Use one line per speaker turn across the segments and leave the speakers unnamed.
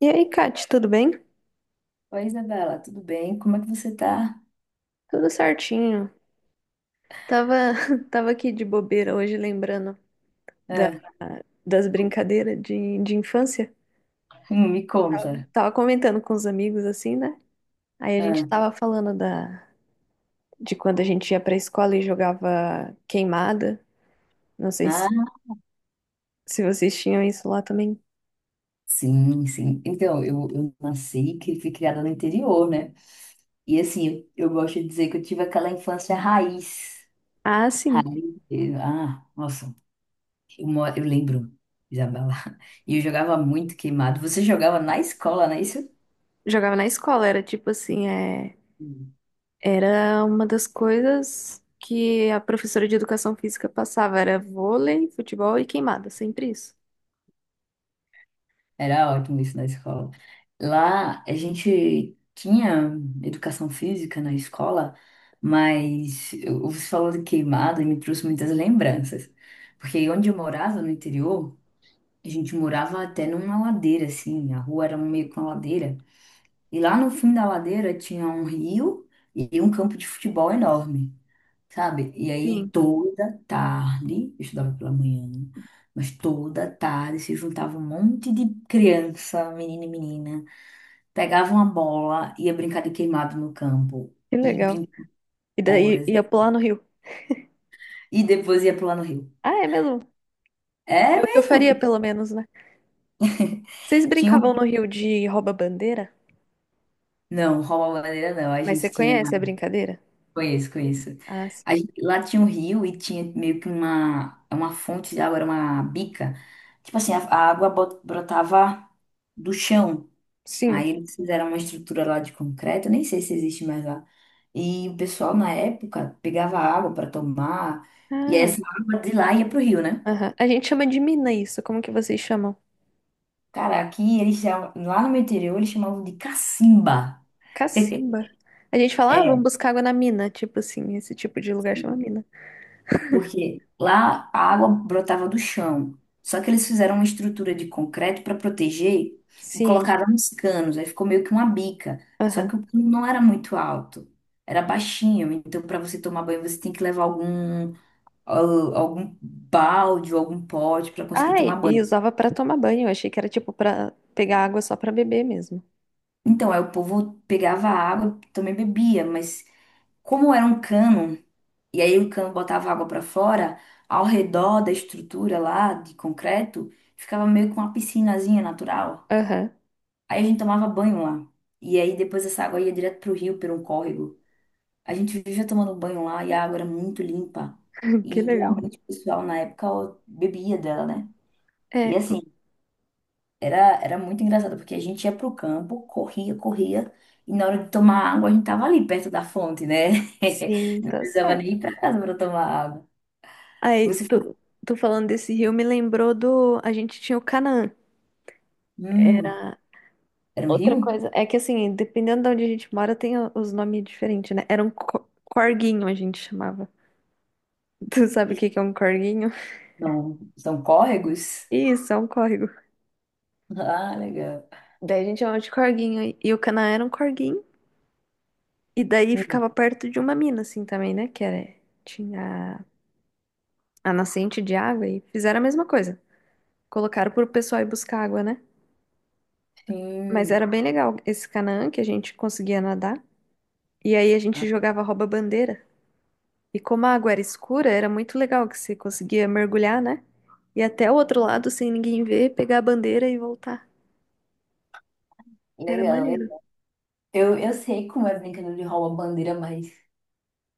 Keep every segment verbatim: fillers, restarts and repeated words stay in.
E aí, Kate, tudo bem?
Oi, Isabela, tudo bem? Como é que você tá?
Tudo certinho. Tava, tava aqui de bobeira hoje, lembrando da-
Ah,
das brincadeiras de, de infância.
hum, me conta.
Tava comentando com os amigos, assim, né? Aí a gente
Ah,
tava falando da, de quando a gente ia pra escola e jogava queimada. Não sei se,
ah,
se vocês tinham isso lá também.
sim, sim. Então, eu, eu nasci e cri- fui criada no interior, né? E assim, eu eu gosto de dizer que eu tive aquela infância raiz.
Ah, sim.
Raiz. eh, Ah, nossa, eu, mo- eu lembro, Isabela. E eu jogava muito queimado. Você jogava na escola, não é isso?
Jogava na escola, era tipo assim, é, era uma das coisas que a professora de educação física passava, era vôlei, futebol e queimada, sempre isso.
Era ótimo isso na escola. Lá a gente tinha educação física na escola, mas eu- você falou de queimada e me trouxe muitas lembranças. Porque onde eu morava, no interior, a gente morava até numa ladeira, assim, a rua era meio com a ladeira. E lá no fim da ladeira tinha um rio e um campo de futebol enorme, sabe? E aí
Sim.
toda tarde, eu estudava pela manhã, mas toda tarde se juntava um monte de criança, menino e menina, pegava uma bola, ia brincar de queimado no campo,
Que
e
legal.
brincava
E daí
horas,
ia pular no rio.
e depois ia pular no rio.
Ah, é mesmo? É
É
o que eu
mesmo?
faria, pelo menos, né? Vocês
Tinha um
brincavam no
rio.
rio de rouba-bandeira?
Não, rouba-bandeira não, a
Mas você
gente tinha,
conhece a brincadeira?
conheço, conheço.
Ah, sim.
A gente- Lá tinha um rio e tinha meio que uma, uma fonte de água, era uma bica. Tipo assim, a a água bot- brotava do chão.
Sim.
Aí eles fizeram uma estrutura lá de concreto, nem sei se existe mais lá. E o pessoal na época pegava água para tomar, e essa
Ah,
água de lá ia pro rio, né?
aham. A gente chama de mina isso. Como que vocês chamam?
Cara, aqui eles chamam, lá no meu interior eles chamavam de cacimba.
Cacimba. A gente fala, ah, vamos
É,
buscar água na mina. Tipo assim, esse tipo de lugar chama mina.
porque lá a água brotava do chão. Só que eles fizeram uma estrutura de concreto para proteger e
Sim.
colocaram uns canos, aí ficou meio que uma bica. Só
Aham.
que o cano não era muito alto, era baixinho, então para você tomar banho você tem que levar algum al- algum balde ou algum pote para conseguir
Ah,
tomar
e e
banho.
usava pra tomar banho. Eu achei que era tipo pra pegar água só pra beber mesmo.
Então, aí o povo pegava a água, também bebia, mas como era um cano, e aí o cano botava água para fora, ao redor da estrutura lá de concreto, ficava meio com uma piscinazinha natural.
Aham.
Aí a gente tomava banho lá. E aí depois essa água ia direto pro rio, por um córrego. A gente vivia tomando banho lá e a água era muito limpa.
Que
E
legal.
realmente o pessoal na época ó, bebia dela, né?
É.
E assim, Era, era muito engraçado, porque a gente ia pro campo, corria, corria, e na hora de tomar água a gente tava ali perto da fonte, né?
Sim,
Não
tá
precisava nem
certo.
ir pra casa para tomar água.
Aí,
Você falou,
tu, tu falando desse rio me lembrou do. A gente tinha o Canaã.
hum,
Era
era um
outra
rio?
coisa. É que assim, dependendo de onde a gente mora, tem o- os nomes diferentes, né? Era um co- corguinho, a gente chamava. Tu sabe o que que é um corguinho?
Não, são córregos?
Isso, é um córrego.
Ah, legal.
Daí a gente chamava de corguinho. E e o Canaã era um corguinho. E daí
Hum,
ficava perto de uma mina, assim, também, né? Que era. Tinha a nascente de água e fizeram a mesma coisa. Colocaram pro pessoal ir buscar água, né? Mas
Sim,
era bem legal esse Canaã que a gente conseguia nadar. E aí a gente
ah,
jogava rouba-bandeira. E como a água era escura, era muito legal que você conseguia mergulhar, né? E até o outro lado sem ninguém ver, pegar a bandeira e voltar. Era
legal.
maneiro.
Legal. Eu, eu sei como é brincadeira de rouba-bandeira, mas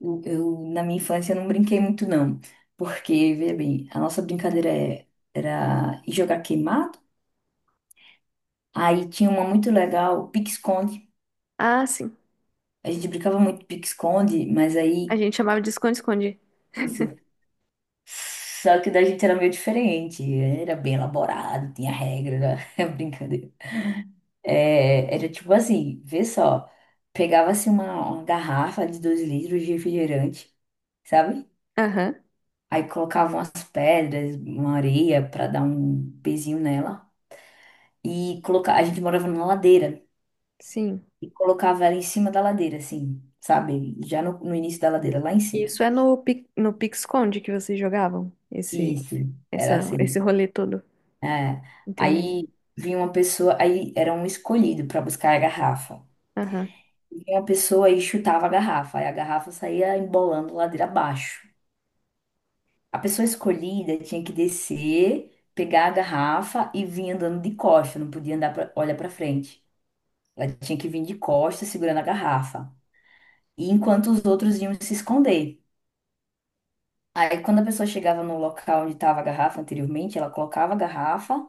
eu, eu, na minha infância, eu não brinquei muito, não. Porque, veja bem, a nossa brincadeira é- era ir jogar queimada. Aí tinha uma muito legal, pique-esconde.
Ah, sim.
A gente brincava muito de pique-esconde, mas
A
aí
gente chamava de esconde-esconde.
isso. Só que da gente era meio diferente, era bem elaborado, tinha regra, né? Brincadeira. É, era tipo assim, vê só, pegava-se uma, uma garrafa de dois litros de refrigerante, sabe?
Aham,
Aí colocava umas pedras, uma areia pra dar um pezinho nela. E coloca... a gente morava numa ladeira
sim.
e colocava ela em cima da ladeira, assim, sabe? Já no, no início da ladeira, lá em cima.
Isso é no, pi- no pique-esconde que vocês jogavam, esse,
Isso, era
essa, esse
assim.
rolê todo.
É.
Entendi.
Aí vinha uma pessoa, aí era um escolhido para buscar a garrafa.
Aham.
Vinha uma pessoa e chutava a garrafa, aí a garrafa saía embolando ladeira abaixo. A pessoa escolhida tinha que descer, pegar a garrafa e vir andando de costas, não podia andar pra, olhar para frente. Ela tinha que vir de costas segurando a garrafa. E enquanto os outros iam se esconder. Aí quando a pessoa chegava no local onde estava a garrafa anteriormente, ela colocava a garrafa.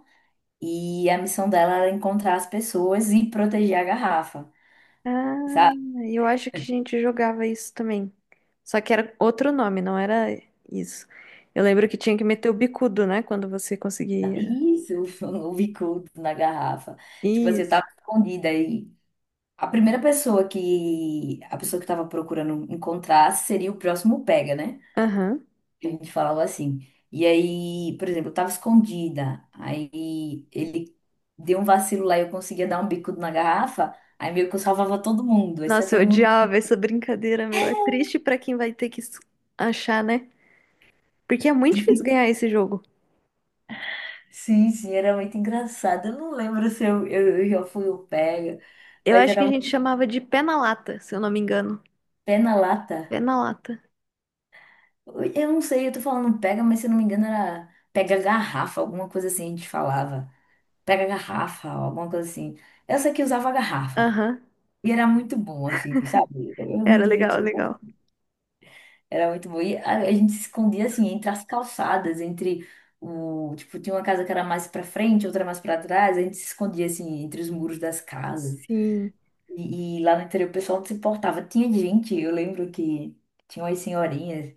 E a missão dela era encontrar as pessoas e proteger a garrafa,
Ah,
sabe?
eu acho que a gente jogava isso também. Só que era outro nome, não era isso. Eu lembro que tinha que meter o bicudo, né? Quando você conseguia.
Isso, o bicudo na garrafa. Tipo assim, eu
Isso.
tava escondida aí. A primeira pessoa que a pessoa que tava procurando encontrar seria o próximo pega, né?
Aham.
A gente falava assim. E aí, por exemplo, eu tava escondida. Aí ele deu um vacilo lá e eu conseguia dar um bicudo na garrafa. Aí meio que eu salvava todo mundo,
Nossa,
exceto
eu
todo mundo.
odiava essa brincadeira, meu. É triste pra quem vai ter que s- achar, né? Porque é muito difícil ganhar esse jogo.
Sim, sim, era muito engraçado. Eu não lembro se eu, eu, eu já fui o pega,
Eu
mas
acho que
era
a gente
muito
chamava de pé na lata, se eu não me engano.
pé na lata.
Pé na lata.
Eu não sei, eu tô falando pega, mas se eu não me engano era pega garrafa, alguma coisa assim a gente falava. Pega garrafa, alguma coisa assim. Eu sei que usava garrafa.
Aham.
E era muito bom, assim, sabe? Eu eu me
Era legal,
divertia.
legal.
Era muito bom. E a, a gente se escondia, assim, entre as calçadas, entre o... Tipo, tinha uma casa que era mais pra frente, outra mais pra trás. A gente se escondia, assim, entre os muros das casas.
Sim.
E, e lá no interior o pessoal não se importava. Tinha gente, eu lembro que tinha umas senhorinhas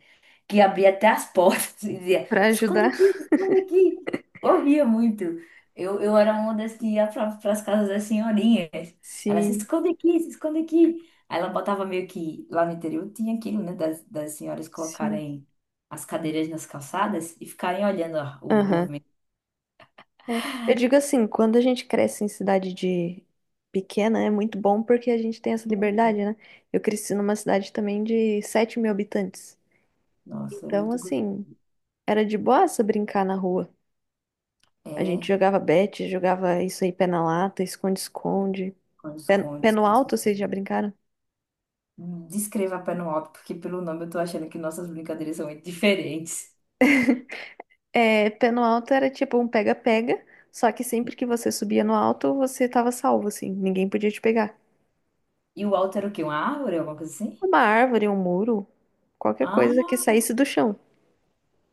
que abria até as portas e dizia,
Pra
esconde
ajudar?
aqui, esconde aqui. Eu ria muito. Eu, eu era uma das que ia para as casas das senhorinhas. Ela se
Sim,
esconde aqui, se esconde aqui. Aí ela botava meio que lá no interior tinha aquilo, né, das, das senhoras
sim.
colocarem as cadeiras nas calçadas e ficarem olhando ó, o
Aham.
movimento.
É, eu digo assim, quando a gente cresce em cidade de pequena, é muito bom porque a gente tem essa liberdade, né? Eu cresci numa cidade também de sete mil habitantes.
Nossa, é
Então,
muito gostoso.
assim, era de boaça brincar na rua. A gente
É,
jogava bete, jogava isso aí, pé na lata, esconde-esconde. Pé,
esconde,
pé no
esconde.
alto, vocês já
Esconde.
brincaram?
Descreva pé no alto, porque pelo nome eu tô achando que nossas brincadeiras são muito diferentes.
É, pé no alto era tipo um pega-pega, só que sempre que você subia no alto, você tava salvo, assim, ninguém podia te pegar.
E o alto era o quê? Uma árvore, alguma coisa assim?
Uma árvore, um muro, qualquer coisa que
Ah,
saísse do chão.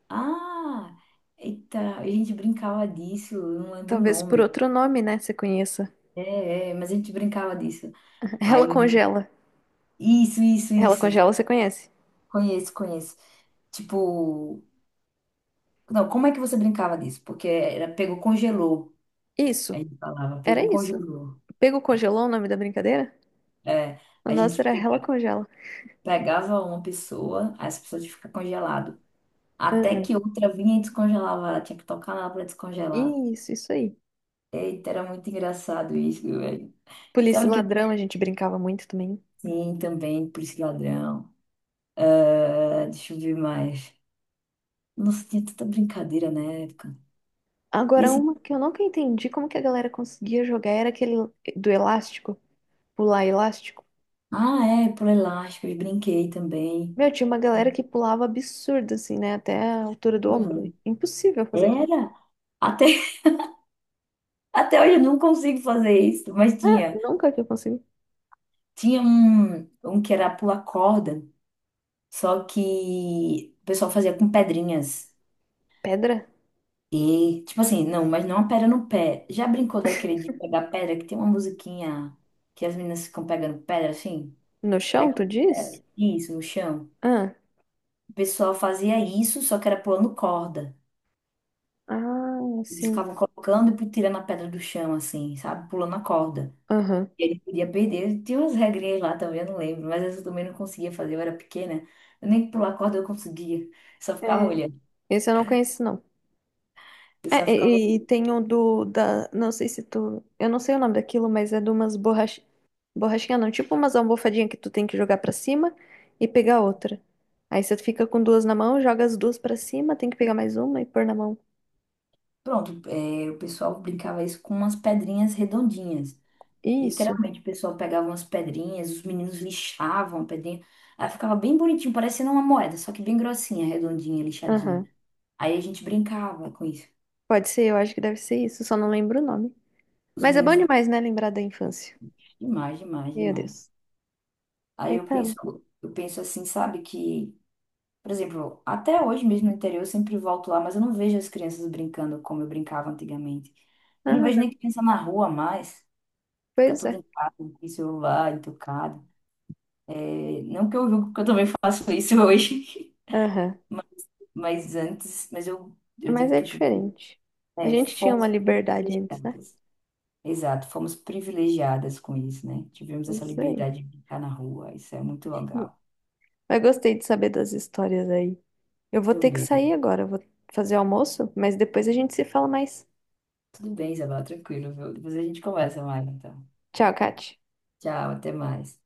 ah! Eita, a gente brincava disso, eu não lembro o
Talvez por
nome.
outro nome, né? Você conheça.
É, é, mas a gente brincava disso.
Ela
Aí,
congela.
isso, isso,
Ela
isso.
congela, você conhece.
Conheço, conheço. Tipo, não, como é que você brincava disso? Porque era pegou, congelou.
Isso.
A gente falava,
Era
pegou,
isso.
congelou.
Pego congelou o nome da brincadeira?
É,
O
a
nosso
gente
era ela
pega-
congela.
pegava uma pessoa, aí essa pessoa tinha que ficar congelada. Até que
Aham.
outra vinha e descongelava ela, tinha que tocar nela pra descongelar.
Isso, isso aí.
Eita, era muito engraçado isso, velho.
Polícia
Sabe
e
o que eu
ladrão, a gente brincava muito também.
sim também, por esse ladrão. Ah, deixa eu ver mais. Nossa, tinha tanta brincadeira na época. E
Agora,
assim,
uma que eu nunca entendi como que a galera conseguia jogar era aquele do elástico, pular elástico.
ah, é, por elásticos, brinquei também.
Meu, tinha uma galera que pulava absurdo, assim, né? Até a altura do ombro.
Uhum.
Impossível fazer aquilo.
Era. Até, até hoje eu não consigo fazer isso, mas
Ah,
tinha.
nunca que eu consegui.
Tinha um, um que era pular corda, só que o pessoal fazia com pedrinhas.
Pedra?
E, tipo assim, não, mas não a pedra no pé. Já brincou daquele de pegar pedra, que tem uma musiquinha que as meninas ficam pegando pedra, assim?
No chão,
Pegam
tu diz?
pedra, isso, no chão.
Ah.
O pessoal fazia isso, só que era pulando corda.
Ah,
Eles
sim.
ficavam colocando e tirando a pedra do chão, assim, sabe? Pulando a corda.
Aham.
E ele podia perder. Tinha umas regrinhas lá também, eu não lembro. Mas essa eu também não conseguia fazer, eu era pequena. Eu nem pular corda eu conseguia. Só ficava
É,
olhando.
esse eu não conheço, não.
Eu só
É,
ficava...
e, e- e
olhando.
tem o do, da, não sei se tu, eu não sei o nome daquilo, mas é de umas borrach, borrachinha não, tipo umas almofadinhas que tu tem que jogar pra cima e pegar outra. Aí você fica com duas na mão, joga as duas pra cima, tem que pegar mais uma e pôr na mão.
Pronto, é, o pessoal brincava isso com umas pedrinhas redondinhas.
Isso.
Literalmente, o pessoal pegava umas pedrinhas, os meninos lixavam a pedrinha. Aí ficava bem bonitinho, parecendo uma moeda, só que bem grossinha, redondinha, lixadinha.
Aham.
Aí a gente brincava com isso.
Pode ser, eu acho que deve ser isso, só não lembro o nome.
Os
Mas é bom
meninos brincavam
demais, né, lembrar da infância.
demais, demais,
Meu
demais.
Deus.
Aí
Aí
eu
tá.
penso, eu penso assim, sabe, que, por exemplo, até hoje mesmo no interior eu sempre volto lá, mas eu não vejo as crianças brincando como eu brincava antigamente. Eu
Ah,
não vejo nem
não,
criança na rua mais. Fica
pois
tudo
é.
em casa, com celular, entucado. É, não que eu julgo, porque eu também faço isso hoje.
Aham.
Mas antes, mas eu, eu
Mas
digo
é
que fui-
diferente. A
é,
gente tinha uma
fomos
liberdade antes, né?
privilegiadas. Exato, fomos privilegiadas com isso, né? Tivemos essa
Isso aí.
liberdade de brincar na rua, isso é muito legal
Mas gostei de saber das histórias aí. Eu vou ter que
também.
sair agora, eu vou fazer almoço, mas depois a gente se fala mais.
Tudo bem, Isabela, tranquilo, viu? Depois a gente conversa mais, então.
Tchau, Kati.
Tchau, até mais.